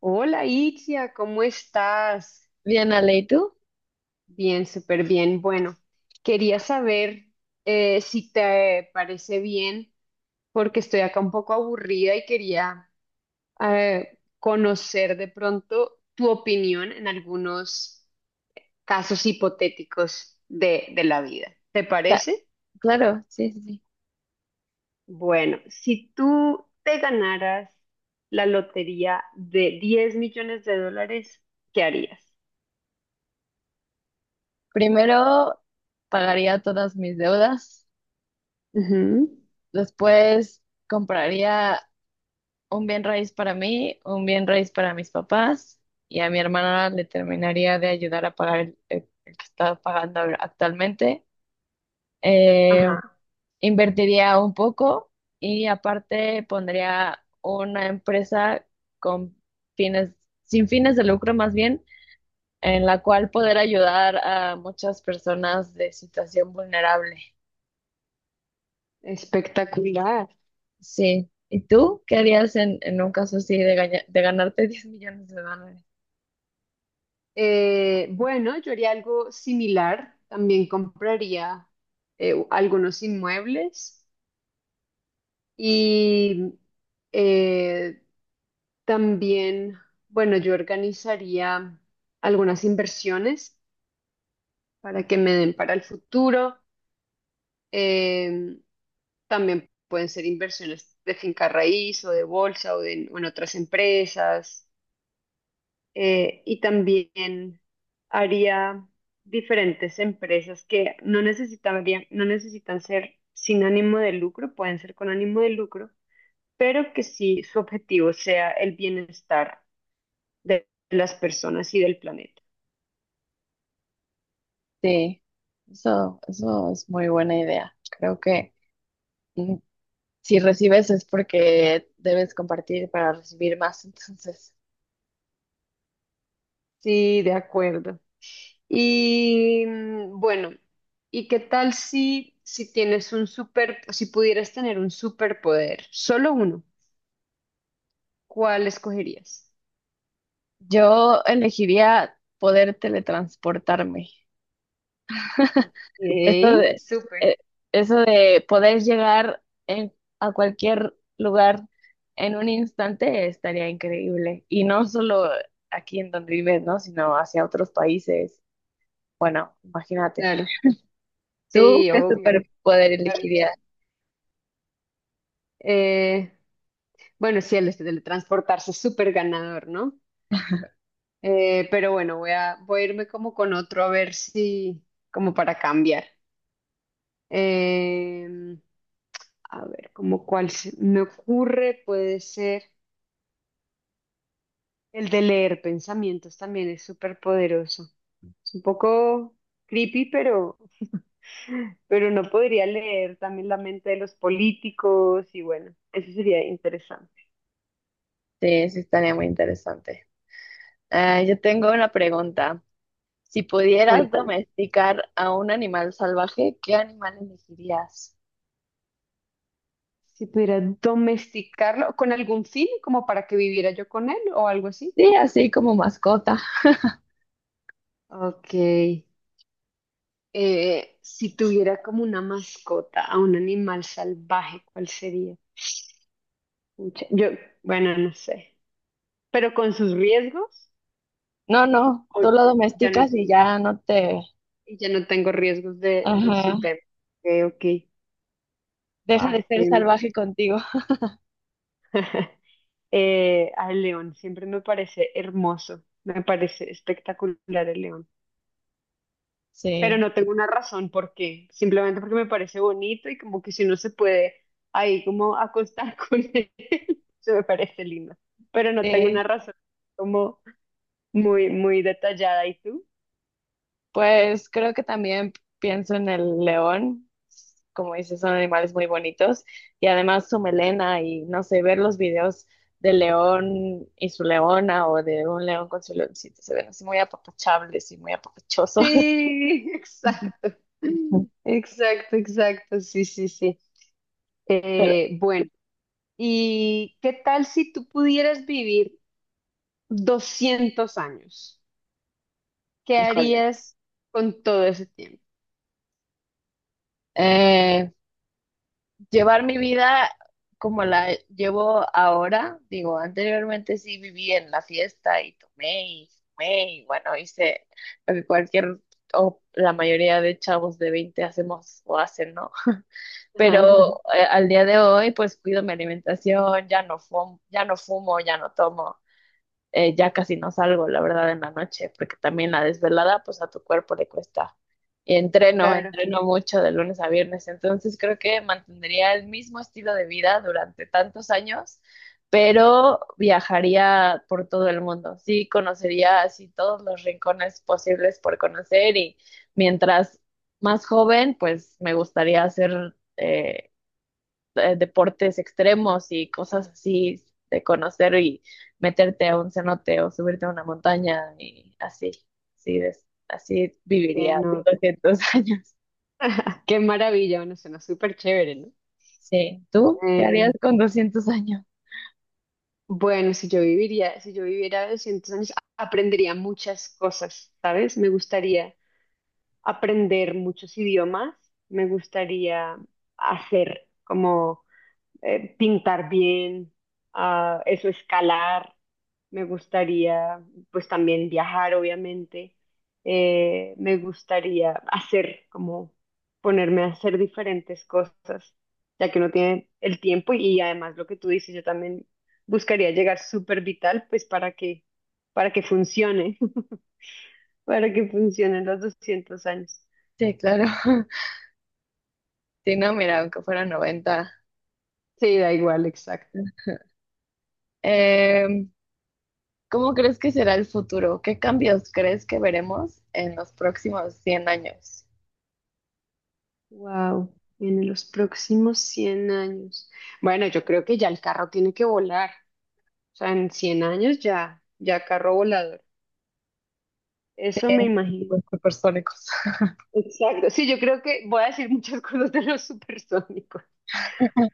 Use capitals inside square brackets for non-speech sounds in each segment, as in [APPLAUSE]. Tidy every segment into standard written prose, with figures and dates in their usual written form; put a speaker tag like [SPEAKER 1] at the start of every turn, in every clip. [SPEAKER 1] Hola Itzia, ¿cómo estás?
[SPEAKER 2] Bien, Ale, ¿y tú?
[SPEAKER 1] Bien, súper bien. Bueno, quería saber si te parece bien, porque estoy acá un poco aburrida y quería conocer de pronto tu opinión en algunos casos hipotéticos de la vida. ¿Te
[SPEAKER 2] La-
[SPEAKER 1] parece?
[SPEAKER 2] claro, sí.
[SPEAKER 1] Bueno, si tú te ganaras la lotería de $10 millones, ¿qué harías?
[SPEAKER 2] Primero pagaría todas mis deudas,
[SPEAKER 1] Ujú.
[SPEAKER 2] después compraría un bien raíz para mí, un bien raíz para mis papás y a mi hermana le terminaría de ayudar a pagar el que está pagando actualmente. Eh,
[SPEAKER 1] Ajá.
[SPEAKER 2] Invertiría un poco y aparte pondría una empresa con fines, sin fines de lucro más bien, en la cual poder ayudar a muchas personas de situación vulnerable.
[SPEAKER 1] Espectacular.
[SPEAKER 2] Sí. ¿Y tú qué harías en un caso así de, de ganarte [LAUGHS] 10 millones de dólares?
[SPEAKER 1] Bueno, yo haría algo similar. También compraría algunos inmuebles y eh, también, bueno, yo organizaría algunas inversiones para que me den para el futuro. Eh, También pueden ser inversiones de finca raíz o de bolsa o en otras empresas. Y también haría diferentes empresas que no necesitarían, no necesitan ser sin ánimo de lucro, pueden ser con ánimo de lucro, pero que sí su objetivo sea el bienestar de las personas y del planeta.
[SPEAKER 2] Sí. Eso es muy buena idea. Creo que mm, si recibes es porque debes compartir para recibir más. Entonces,
[SPEAKER 1] Sí, de acuerdo. Y mm, bueno, ¿y qué tal si tienes un super, si pudieras tener un superpoder, solo uno, ¿cuál escogerías?
[SPEAKER 2] yo elegiría poder teletransportarme. Eso
[SPEAKER 1] Ok,
[SPEAKER 2] de,
[SPEAKER 1] súper,
[SPEAKER 2] eh, eso de poder a en un... Estaría increíble. Y no solo aquí en donde vives, ¿no? Sino hacia otros países. Bueno, imagínate.
[SPEAKER 1] claro.
[SPEAKER 2] ¿Tú
[SPEAKER 1] Sí,
[SPEAKER 2] qué
[SPEAKER 1] obvio, qué
[SPEAKER 2] superpoder
[SPEAKER 1] maravilla.
[SPEAKER 2] elegirías?
[SPEAKER 1] Eh, bueno, sí, el este teletransportarse es súper ganador, ¿no? Pero bueno, voy a irme como con otro a ver si cambiar. Eh, a ver, como cuál se me ocurre, puede ser el de leer pensamientos también es súper poderoso. Es un poco creepy, pero no podría leer también la mente de los políticos y bueno, eso sería interesante.
[SPEAKER 2] Sí, sí estaría muy interesante. Ah, yo tengo una pregunta. Si pudieras
[SPEAKER 1] Cuéntame.
[SPEAKER 2] domesticar a un animal salvaje, ¿qué animal elegirías?
[SPEAKER 1] Si pudiera domesticarlo con algún fin, como para que viviera yo con él o algo así.
[SPEAKER 2] Sí, así como mascota.
[SPEAKER 1] Ok. Si tuviera como una mascota a un animal salvaje, ¿cuál sería? Pucha, yo, bueno, no sé. Pero con sus riesgos,
[SPEAKER 2] No,
[SPEAKER 1] o
[SPEAKER 2] tú lo
[SPEAKER 1] ya no,
[SPEAKER 2] domesticas y ya no te...
[SPEAKER 1] ya no tengo riesgos de
[SPEAKER 2] Ajá,
[SPEAKER 1] su tema. Ok, ok.
[SPEAKER 2] deja
[SPEAKER 1] Ah,
[SPEAKER 2] de
[SPEAKER 1] es
[SPEAKER 2] ser
[SPEAKER 1] que-
[SPEAKER 2] salvaje contigo.
[SPEAKER 1] [LAUGHS] al león, siempre me parece hermoso. Me parece espectacular el león. Pero
[SPEAKER 2] Sí,
[SPEAKER 1] no tengo una razón por qué, simplemente porque me parece bonito y como que si uno se puede ahí como acostar [LAUGHS] con él, se me parece lindo, pero no tengo una
[SPEAKER 2] sí.
[SPEAKER 1] razón como muy, muy detallada. ¿Y tú?
[SPEAKER 2] Pues creo que también pienso en el león, como dices, son animales muy bonitos y además su melena y no sé, ver los videos del león y su leona o de un león con su leoncito, se ven así muy apapachables y muy apapachosos.
[SPEAKER 1] Sí, [LAUGHS] exacto,
[SPEAKER 2] [LAUGHS] Ujú.
[SPEAKER 1] exacto, exacto, sí, sí, sí.
[SPEAKER 2] Pero
[SPEAKER 1] Bueno, ¿Y qué tal si tú pudieras vivir 200 años? ¿Qué
[SPEAKER 2] híjole.
[SPEAKER 1] harías con todo ese tiempo?
[SPEAKER 2] Eh, Llevar mi vida como la llevo ahora. Digo, anteriormente sí viví en la fiesta y tomé y fumé y bueno, hice lo que cualquier o la mayoría de chavos de 20 hacemos o hacen, ¿no? Pero
[SPEAKER 1] Ajá,
[SPEAKER 2] al día de hoy pues cuido mi alimentación, ya no fumo, ya no tomo, ya casi no salgo, la verdad, en la noche, porque también la desvelada, pues a tu cuerpo le cuesta. Y
[SPEAKER 1] [LAUGHS] claro,
[SPEAKER 2] entreno mucho de lunes a viernes, entonces creo que mantendría el mismo estilo de vida durante tantos años, pero viajaría por todo el mundo. Sí, conocería así todos los rincones posibles por conocer y mientras más joven, pues me gustaría hacer deportes extremos y cosas así de conocer y meterte a un cenote o subirte a una montaña y así
[SPEAKER 1] que
[SPEAKER 2] viviría
[SPEAKER 1] no.
[SPEAKER 2] 200 [LAUGHS] años.
[SPEAKER 1] Qué maravilla, bueno, suena súper chévere, ¿no?
[SPEAKER 2] Sí, ¿tú qué
[SPEAKER 1] Eh,
[SPEAKER 2] harías con 200 años?
[SPEAKER 1] bueno, si yo viviera 200 años, aprendería muchas cosas, ¿sabes? Me gustaría aprender muchos idiomas, me gustaría hacer como pintar bien, ah, eso, escalar. Me gustaría, pues también viajar, obviamente. Me gustaría hacer, como ponerme a hacer diferentes cosas, ya que uno tiene el tiempo y además lo que tú dices, yo también buscaría llegar súper vital, pues para que funcione, [LAUGHS] para que funcionen los 200 años.
[SPEAKER 2] Sí, claro. [LAUGHS] Sí, no, mira, aunque fuera 90.
[SPEAKER 1] Sí, da igual, exacto.
[SPEAKER 2] Em, ¿Cómo crees que será el futuro? ¿Qué cambios crees que veremos en los próximos 100 años?
[SPEAKER 1] Wow, en los próximos 100 años. Bueno, yo creo que ya el carro tiene que volar. O sea, en 100 años ya carro volador. Eso me
[SPEAKER 2] Sí, los
[SPEAKER 1] imagino.
[SPEAKER 2] supersónicos.
[SPEAKER 1] Exacto. Sí, yo creo que voy a decir muchas [LAUGHS] cosas de los supersónicos.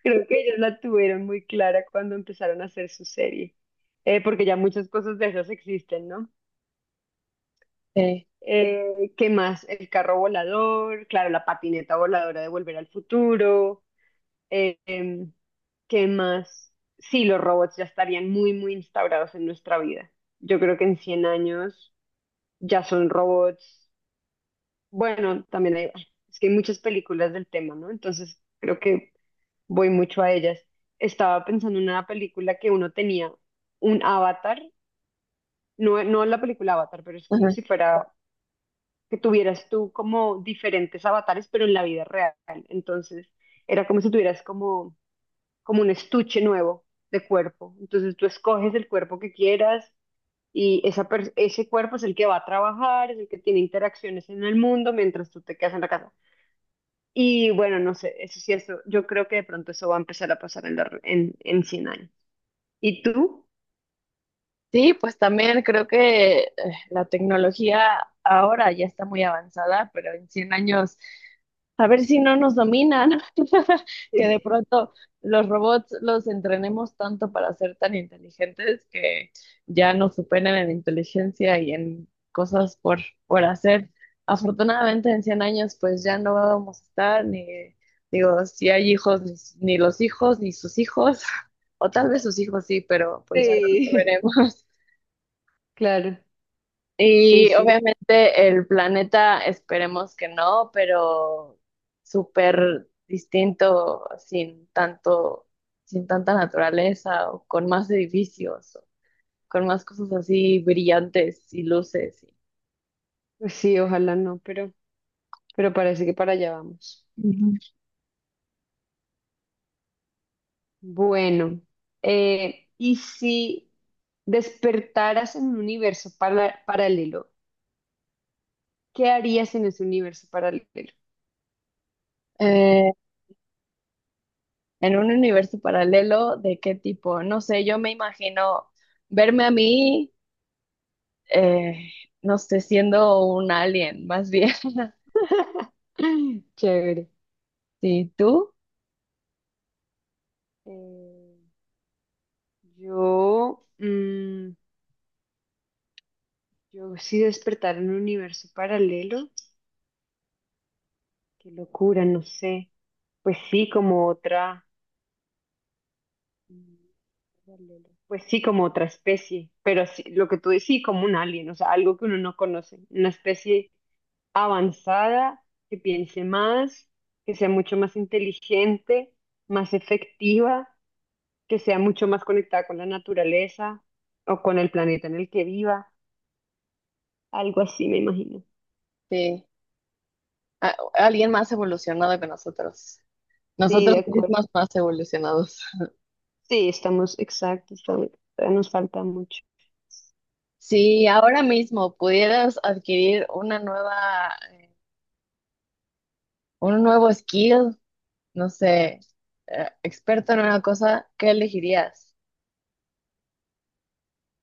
[SPEAKER 1] Creo que ellos la tuvieron muy clara cuando empezaron a hacer su serie. Porque ya muchas cosas de esas existen, ¿no?
[SPEAKER 2] [LAUGHS]
[SPEAKER 1] ¿Qué más? El carro volador, claro, la patineta voladora de Volver al Futuro. Eh, em, ¿Qué más? Sí, los robots ya estarían muy, muy instaurados en nuestra vida. Yo creo que en 100 años ya son robots. Bueno, también hay, es que hay muchas películas del tema, ¿no? Entonces creo que voy mucho a ellas. Estaba pensando en una película que uno tenía un avatar, no, no la película Avatar, pero es
[SPEAKER 2] Sí.
[SPEAKER 1] como si fuera que tuvieras tú como diferentes avatares, pero en la vida real. Entonces era como si tuvieras como un estuche nuevo de cuerpo. Entonces tú escoges el cuerpo que quieras y ese cuerpo es el que va a trabajar, es el que tiene interacciones en el mundo mientras tú te quedas en la casa. Y bueno, no sé, eso sí, eso, yo creo que de pronto eso va a empezar a pasar en, la re- en cien años. ¿Y tú?
[SPEAKER 2] Sí, pues también creo que la tecnología ahora ya está muy avanzada, pero en 100 años, a ver si no nos dominan, [LAUGHS] que de
[SPEAKER 1] [LAUGHS]
[SPEAKER 2] pronto los robots los entrenemos tanto para ser tan inteligentes que ya nos superen en inteligencia y en cosas por hacer. Afortunadamente en 100 años pues ya no vamos a estar ni, digo, si hay hijos, ni los hijos, ni sus hijos, [LAUGHS] o tal vez sus hijos sí, pero pues ya no lo
[SPEAKER 1] Sí,
[SPEAKER 2] veremos.
[SPEAKER 1] claro, sí,
[SPEAKER 2] Y
[SPEAKER 1] sí,
[SPEAKER 2] obviamente el planeta, esperemos que no, pero súper distinto, sin tanta naturaleza, o con más edificios, o con más cosas así brillantes y luces.
[SPEAKER 1] pues sí, ojalá no, pero parece que para allá vamos.
[SPEAKER 2] Ujú.
[SPEAKER 1] Bueno, ¿y si despertaras en un universo paralelo? ¿Qué harías en ese universo paralelo?
[SPEAKER 2] Eh, en un universo paralelo, ¿de qué tipo? No sé, yo me imagino verme a mí, eh, no sé, siendo un alien, más bien. [LAUGHS]
[SPEAKER 1] [CLEARS THROAT] [LAUGHS] Chévere.
[SPEAKER 2] ¿Sí, tú?
[SPEAKER 1] Eh, yo, mm, yo sí despertar en un universo paralelo. Qué locura, no sé. Pues sí, como otra. Mm, paralelo. Pues sí, como otra especie. Pero sí, lo que tú decís, sí, como un alien, o sea, algo que uno no conoce. Una especie avanzada, que piense más, que sea mucho más inteligente, más efectiva, que sea mucho más conectada con la naturaleza o con el planeta en el que viva, algo así me imagino.
[SPEAKER 2] Sí. Alguien más evolucionado que nosotros.
[SPEAKER 1] Sí, de
[SPEAKER 2] Nosotros
[SPEAKER 1] acuerdo.
[SPEAKER 2] mismos más evolucionados.
[SPEAKER 1] Sí, estamos, exacto, todavía nos falta mucho.
[SPEAKER 2] Si
[SPEAKER 1] Pues,
[SPEAKER 2] ahora mismo pudieras adquirir una nueva, un nuevo skill, no sé, experto en una cosa, ¿qué elegirías?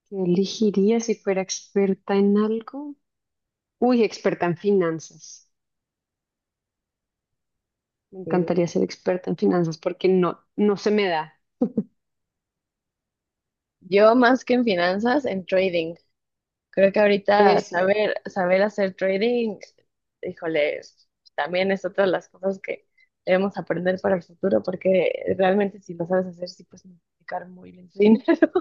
[SPEAKER 1] ¿qué elegiría si fuera experta en algo? Uy, experta en finanzas. Me
[SPEAKER 2] Y
[SPEAKER 1] encantaría ser experta en finanzas porque no, no se me da.
[SPEAKER 2] yo más que en finanzas, en trading. Creo que ahorita
[SPEAKER 1] Eso.
[SPEAKER 2] saber hacer trading, híjole, también es otra de las cosas que debemos aprender para el futuro, porque realmente si lo sabes hacer, sí puedes multiplicar muy bien tu dinero.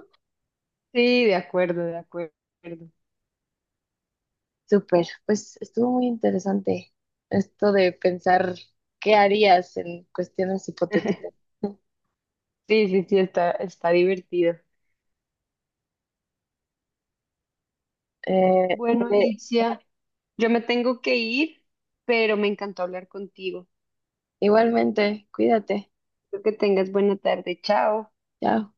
[SPEAKER 1] Sí, de acuerdo, de acuerdo.
[SPEAKER 2] Súper, pues estuvo muy interesante esto de pensar qué harías en cuestiones hipotéticas.
[SPEAKER 1] [LAUGHS]
[SPEAKER 2] [LAUGHS]
[SPEAKER 1] Sí, sí, sí, está, está divertido.
[SPEAKER 2] Eh,
[SPEAKER 1] Bueno,
[SPEAKER 2] eh,
[SPEAKER 1] Itzia. Yo me tengo que ir, pero me encantó hablar contigo.
[SPEAKER 2] igualmente, cuídate.
[SPEAKER 1] Espero que tengas buena tarde. Chao.
[SPEAKER 2] Chao.